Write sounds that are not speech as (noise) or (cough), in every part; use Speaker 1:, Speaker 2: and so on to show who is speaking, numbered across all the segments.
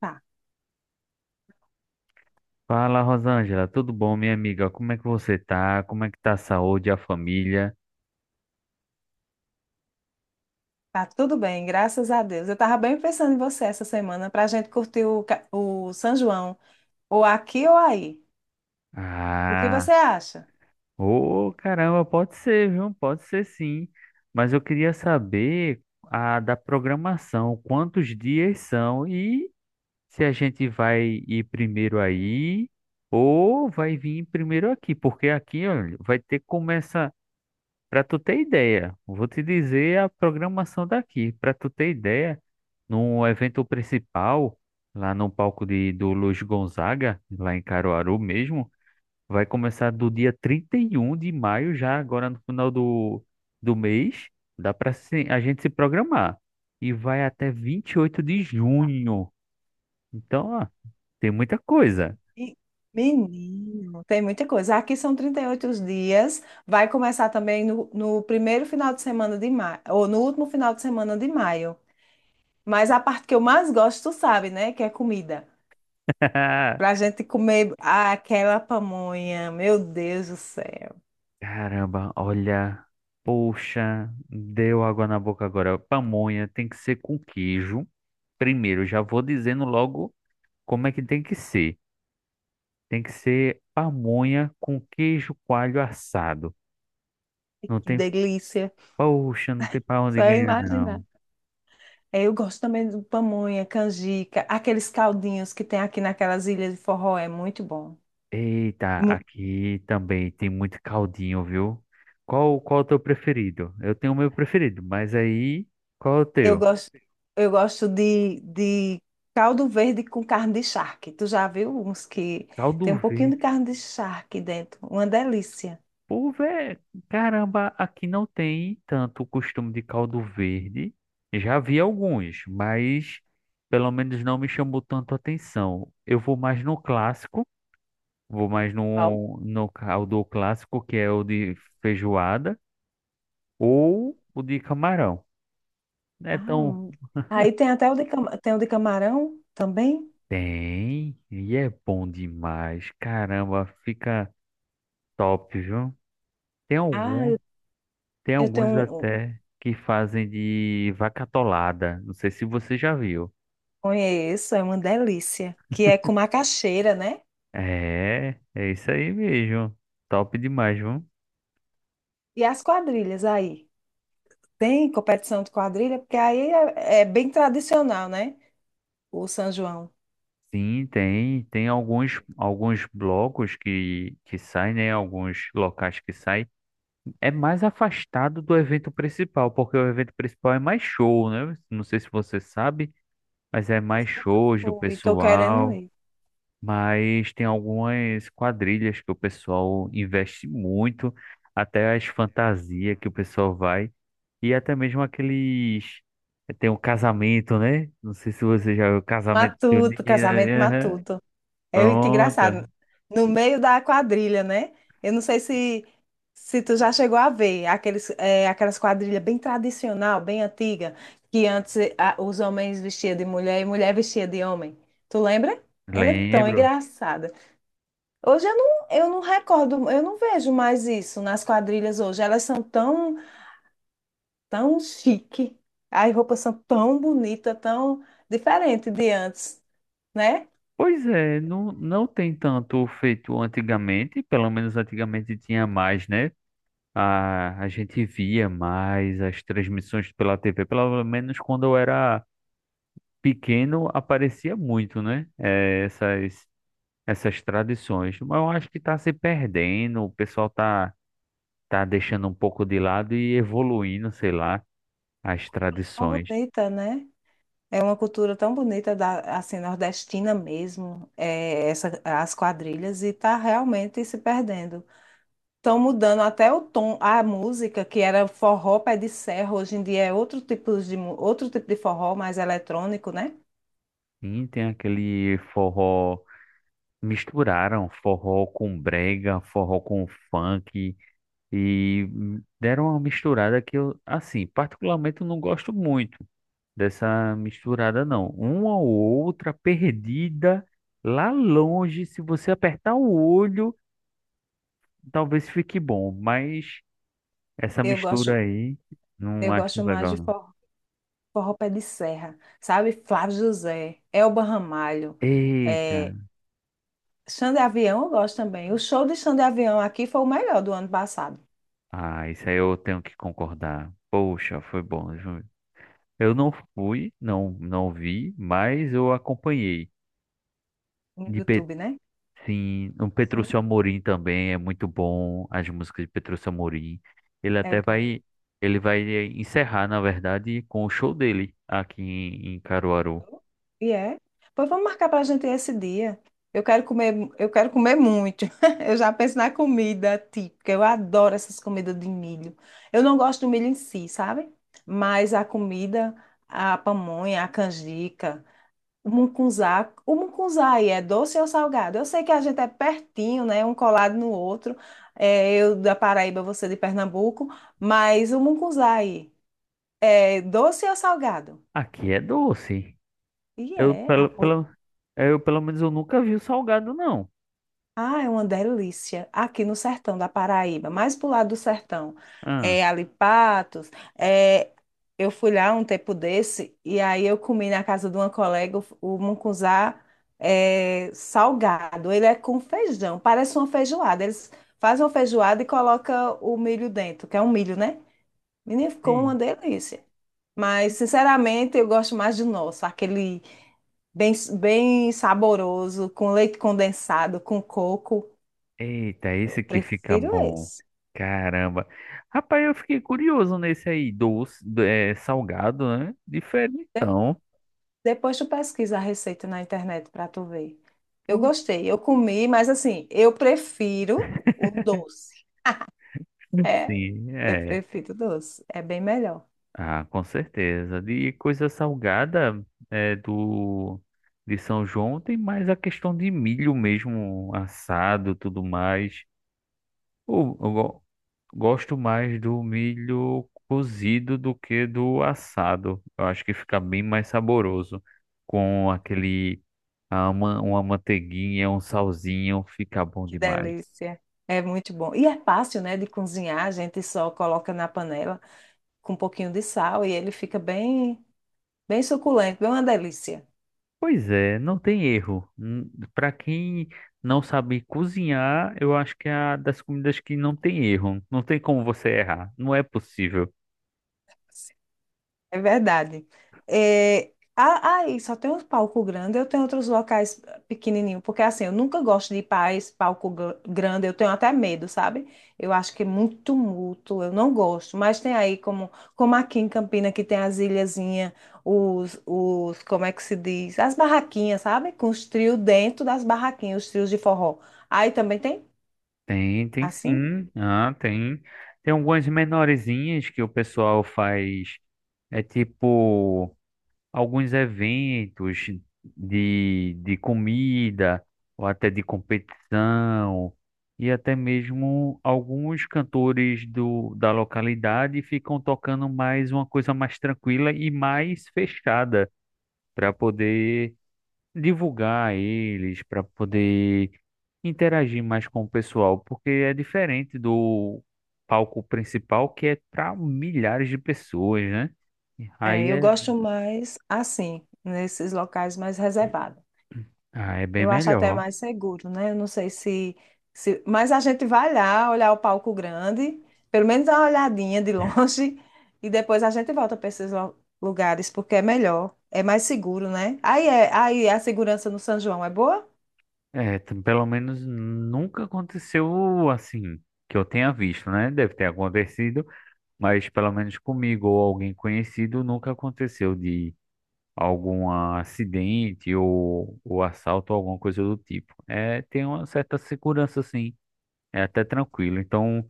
Speaker 1: Tá,
Speaker 2: Fala, Rosângela, tudo bom, minha amiga? Como é que você tá? Como é que tá a saúde, a família?
Speaker 1: tá tudo bem, graças a Deus. Eu tava bem pensando em você essa semana pra gente curtir o São João, ou aqui ou aí. O que
Speaker 2: Ah,
Speaker 1: você acha?
Speaker 2: ô caramba, pode ser, viu? Pode ser sim. Mas eu queria saber a da programação, quantos dias são e se a gente vai ir primeiro aí ou vai vir primeiro aqui, porque aqui, olha, vai ter começa. Para tu ter ideia, vou te dizer a programação daqui. Para tu ter ideia, no evento principal, lá no palco do Luiz Gonzaga, lá em Caruaru mesmo, vai começar do dia 31 de maio, já agora no final do mês. Dá para a gente se programar. E vai até 28 de
Speaker 1: Tá.
Speaker 2: junho. Então, ó, tem muita coisa.
Speaker 1: E- Menino, tem muita coisa. Aqui são 38 os dias. Vai começar também no primeiro final de semana de maio, ou no último final de semana de maio. Mas a parte que eu mais gosto, tu sabe, né? Que é comida. Pra
Speaker 2: (laughs)
Speaker 1: gente comer aquela pamonha. Meu Deus do céu,
Speaker 2: Caramba, olha, poxa, deu água na boca agora. Pamonha tem que ser com queijo. Primeiro, já vou dizendo logo como é que tem que ser. Tem que ser pamonha com queijo coalho assado.
Speaker 1: que
Speaker 2: Não tem,
Speaker 1: delícia.
Speaker 2: poxa, não tem pra onde
Speaker 1: Só
Speaker 2: ganhar,
Speaker 1: imaginar.
Speaker 2: não.
Speaker 1: É, eu gosto também do pamonha, canjica, aqueles caldinhos que tem aqui naquelas ilhas de forró, é muito bom.
Speaker 2: Eita,
Speaker 1: Mu-
Speaker 2: aqui também tem muito caldinho, viu? Qual é o teu preferido? Eu tenho o meu preferido, mas aí, qual é o
Speaker 1: Eu
Speaker 2: teu?
Speaker 1: gosto, eu gosto de caldo verde com carne de charque. Tu já viu uns que tem
Speaker 2: Caldo
Speaker 1: um pouquinho
Speaker 2: verde.
Speaker 1: de carne de charque dentro? Uma delícia.
Speaker 2: Pô, velho, caramba, aqui não tem tanto o costume de caldo verde. Já vi alguns, mas pelo menos não me chamou tanto a atenção. Eu vou mais no clássico, vou mais
Speaker 1: Au.
Speaker 2: no caldo clássico, que é o de feijoada, ou o de camarão. É
Speaker 1: Ah,
Speaker 2: tão.
Speaker 1: hum. Aí tem até o tem o de camarão também.
Speaker 2: Tem, e é bom demais. Caramba, fica top, viu? Tem
Speaker 1: Ah,
Speaker 2: alguns.
Speaker 1: eu,
Speaker 2: Tem
Speaker 1: eu tenho
Speaker 2: alguns até que fazem de vaca atolada. Não sei se você já viu.
Speaker 1: conheço, é uma delícia, que é com macaxeira, né?
Speaker 2: É, é isso aí mesmo. Top demais, viu?
Speaker 1: E as quadrilhas aí. Tem competição de quadrilha, porque aí é bem tradicional, né? O São João.
Speaker 2: Sim, tem alguns, alguns blocos que saem, né? Alguns locais que saem. É mais afastado do evento principal, porque o evento principal é mais show, né? Não sei se você sabe, mas é mais shows do
Speaker 1: Fui, tô querendo
Speaker 2: pessoal.
Speaker 1: ir.
Speaker 2: Mas tem algumas quadrilhas que o pessoal investe muito, até as fantasias que o pessoal vai, e até mesmo aqueles. Tem o casamento, né? Não sei se você já viu casamento
Speaker 1: Matuto,
Speaker 2: junino.
Speaker 1: casamento
Speaker 2: Aham.
Speaker 1: matuto. É muito
Speaker 2: Pronto,
Speaker 1: engraçado. No meio da quadrilha, né? Eu não sei se tu já chegou a ver aqueles, aquelas quadrilhas bem tradicional, bem antiga, que antes os homens vestiam de mulher e mulher vestia de homem. Tu lembra? Ela é tão
Speaker 2: lembro.
Speaker 1: engraçada. Hoje eu não recordo, eu não vejo mais isso nas quadrilhas hoje. Elas são tão chique. As roupas são tão bonitas, tão diferente de antes, né?
Speaker 2: Pois é, não, não tem tanto feito antigamente, pelo menos antigamente tinha mais, né? A gente via mais as transmissões pela TV, pelo menos quando eu era pequeno aparecia muito, né? Essas tradições. Mas eu acho que está se perdendo, o pessoal tá deixando um pouco de lado e evoluindo, sei lá, as
Speaker 1: Tão
Speaker 2: tradições.
Speaker 1: bonita, né? É uma cultura tão bonita da, assim, nordestina mesmo, as quadrilhas, e tá realmente se perdendo. Estão mudando até o tom, a música, que era forró pé de serra, hoje em dia é outro tipo outro tipo de forró, mais eletrônico, né?
Speaker 2: E tem aquele forró, misturaram forró com brega, forró com funk e deram uma misturada que eu, assim, particularmente eu não gosto muito. Dessa misturada, não. Uma ou outra perdida lá longe, se você apertar o olho, talvez fique bom, mas essa
Speaker 1: Eu
Speaker 2: mistura
Speaker 1: gosto,
Speaker 2: aí não
Speaker 1: eu
Speaker 2: acho
Speaker 1: gosto mais de
Speaker 2: legal, não.
Speaker 1: forró, forró pé de serra, sabe? Flávio José, Elba Ramalho.
Speaker 2: Eita!
Speaker 1: É, Xande Avião eu gosto também. O show de Xande Avião aqui foi o melhor do ano passado,
Speaker 2: Ah, isso aí eu tenho que concordar. Poxa, foi bom, viu? Eu não fui, não, não vi, mas eu acompanhei
Speaker 1: no
Speaker 2: de, pe-
Speaker 1: YouTube, né?
Speaker 2: sim, o
Speaker 1: Sim.
Speaker 2: Petrúcio Amorim também é muito bom, as músicas de Petrúcio Amorim. Ele
Speaker 1: É
Speaker 2: até
Speaker 1: bom.
Speaker 2: vai, ele vai encerrar, na verdade, com o show dele aqui em, em Caruaru.
Speaker 1: E é. Pois vamos marcar pra gente esse dia. Eu quero comer muito. (laughs) Eu já penso na comida típica. Eu adoro essas comidas de milho. Eu não gosto do milho em si, sabe? Mas a comida, a pamonha, a canjica, o mucunzá, o mucunzá aí é doce ou salgado? Eu sei que a gente é pertinho, né? Um colado no outro. É, eu da Paraíba, você de Pernambuco. Mas o mucunzá aí é doce ou salgado?
Speaker 2: Aqui é doce.
Speaker 1: E
Speaker 2: Eu
Speaker 1: é.
Speaker 2: pelo menos eu nunca vi o salgado, não.
Speaker 1: Ah, é uma delícia. Aqui no sertão da Paraíba, mais pro lado do sertão.
Speaker 2: Ah,
Speaker 1: É ali Patos. É, eu fui lá um tempo desse e aí eu comi na casa de uma colega o mucunzá é, salgado. Ele é com feijão, parece uma feijoada. Eles fazem uma feijoada e colocam o milho dentro, que é um milho, né? Menina, ficou uma
Speaker 2: sim.
Speaker 1: delícia.
Speaker 2: Oxe.
Speaker 1: Mas, sinceramente, eu gosto mais do nosso, aquele bem, bem saboroso, com leite condensado, com coco.
Speaker 2: Eita, esse que fica
Speaker 1: Prefiro
Speaker 2: bom.
Speaker 1: esse.
Speaker 2: Caramba. Rapaz, eu fiquei curioso nesse aí, doce, é, salgado, né?
Speaker 1: De-
Speaker 2: Diferentão.
Speaker 1: Depois tu pesquisa a receita na internet para tu ver. Eu
Speaker 2: Pô,
Speaker 1: gostei, eu comi, mas assim, eu prefiro o doce. É,
Speaker 2: sim,
Speaker 1: eu
Speaker 2: é.
Speaker 1: prefiro o doce. É bem melhor.
Speaker 2: Ah, com certeza. De coisa salgada é, do de São João tem mais a questão de milho mesmo assado, tudo mais. Eu, eu go- gosto mais do milho cozido do que do assado. Eu acho que fica bem mais saboroso com aquele uma manteiguinha, um salzinho, fica bom
Speaker 1: Que
Speaker 2: demais.
Speaker 1: delícia. É muito bom. E é fácil, né, de cozinhar. A gente só coloca na panela com um pouquinho de sal e ele fica bem, bem suculento, bem uma delícia.
Speaker 2: Pois é, não tem erro. Para quem não sabe cozinhar, eu acho que é a das comidas que não tem erro. Não tem como você errar. Não é possível.
Speaker 1: É verdade. É, aí só tem os palco grande, eu tenho outros locais pequenininho, porque assim, eu nunca gosto de ir para esse palco grande, eu tenho até medo, sabe? Eu acho que é muito tumulto, eu não gosto. Mas tem aí como, como aqui em Campina que tem as ilhazinhas, como é que se diz? As barraquinhas, sabe? Com os trios dentro das barraquinhas, os trios de forró. Aí também tem
Speaker 2: Tem, tem
Speaker 1: assim?
Speaker 2: sim. Ah, tem. Tem algumas menorzinhas que o pessoal faz. É tipo. Alguns eventos de comida, ou até de competição, e até mesmo alguns cantores do, da localidade ficam tocando mais uma coisa mais tranquila e mais fechada, para poder divulgar eles, para poder interagir mais com o pessoal, porque é diferente do palco principal, que é para milhares de pessoas, né?
Speaker 1: É,
Speaker 2: Aí
Speaker 1: eu
Speaker 2: é,
Speaker 1: gosto mais assim, nesses locais mais reservados.
Speaker 2: ah, é bem
Speaker 1: Eu acho até
Speaker 2: melhor.
Speaker 1: mais seguro, né? Eu não sei se... Mas a gente vai lá olhar o palco grande, pelo menos dar uma olhadinha de (laughs) longe, e depois a gente volta para esses lugares, porque é melhor, é mais seguro, né? Aí a segurança no São João é boa?
Speaker 2: É, t- pelo menos nunca aconteceu assim que eu tenha visto, né? Deve ter acontecido, mas pelo menos comigo ou alguém conhecido nunca aconteceu de algum acidente ou assalto ou alguma coisa do tipo. É, tem uma certa segurança, assim, é até tranquilo, então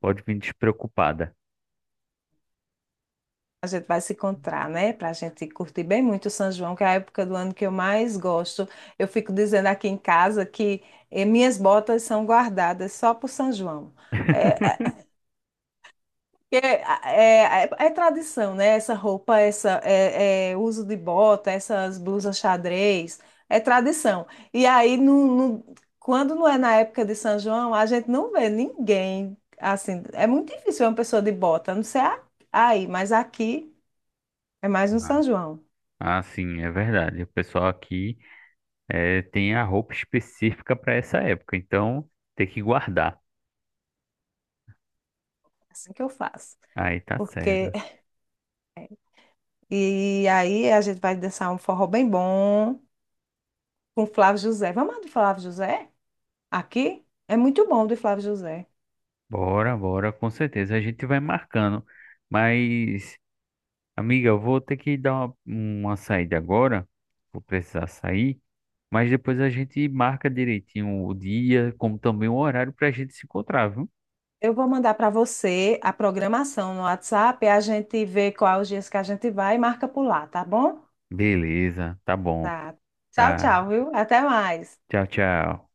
Speaker 2: pode vir despreocupada.
Speaker 1: A gente vai se encontrar, né? Para a gente curtir bem muito o São João, que é a época do ano que eu mais gosto. Eu fico dizendo aqui em casa que minhas botas são guardadas só para o São João. É, É tradição, né? Essa roupa, uso de bota, essas blusas xadrez, é tradição. E aí, quando não é na época de São João, a gente não vê ninguém assim. É muito difícil ver uma pessoa de bota, a não ser aí, mas aqui é mais no
Speaker 2: Ah,
Speaker 1: São João.
Speaker 2: ah, sim, é verdade. O pessoal aqui é, tem a roupa específica para essa época, então tem que guardar.
Speaker 1: É assim que eu faço.
Speaker 2: Aí tá
Speaker 1: Porque
Speaker 2: certo.
Speaker 1: (laughs) e aí a gente vai dançar um forró bem bom com Flávio José. Vamos lá do Flávio José? Aqui é muito bom do Flávio José.
Speaker 2: Bora, bora, com certeza. A gente vai marcando. Mas, amiga, eu vou ter que dar uma saída agora. Vou precisar sair. Mas depois a gente marca direitinho o dia, como também o horário para a gente se encontrar, viu?
Speaker 1: Eu vou mandar para você a programação no WhatsApp, e a gente vê quais os dias que a gente vai e marca por lá, tá bom?
Speaker 2: Beleza, tá bom.
Speaker 1: Tchau,
Speaker 2: Tá.
Speaker 1: tchau, viu? Até mais.
Speaker 2: Tchau, tchau.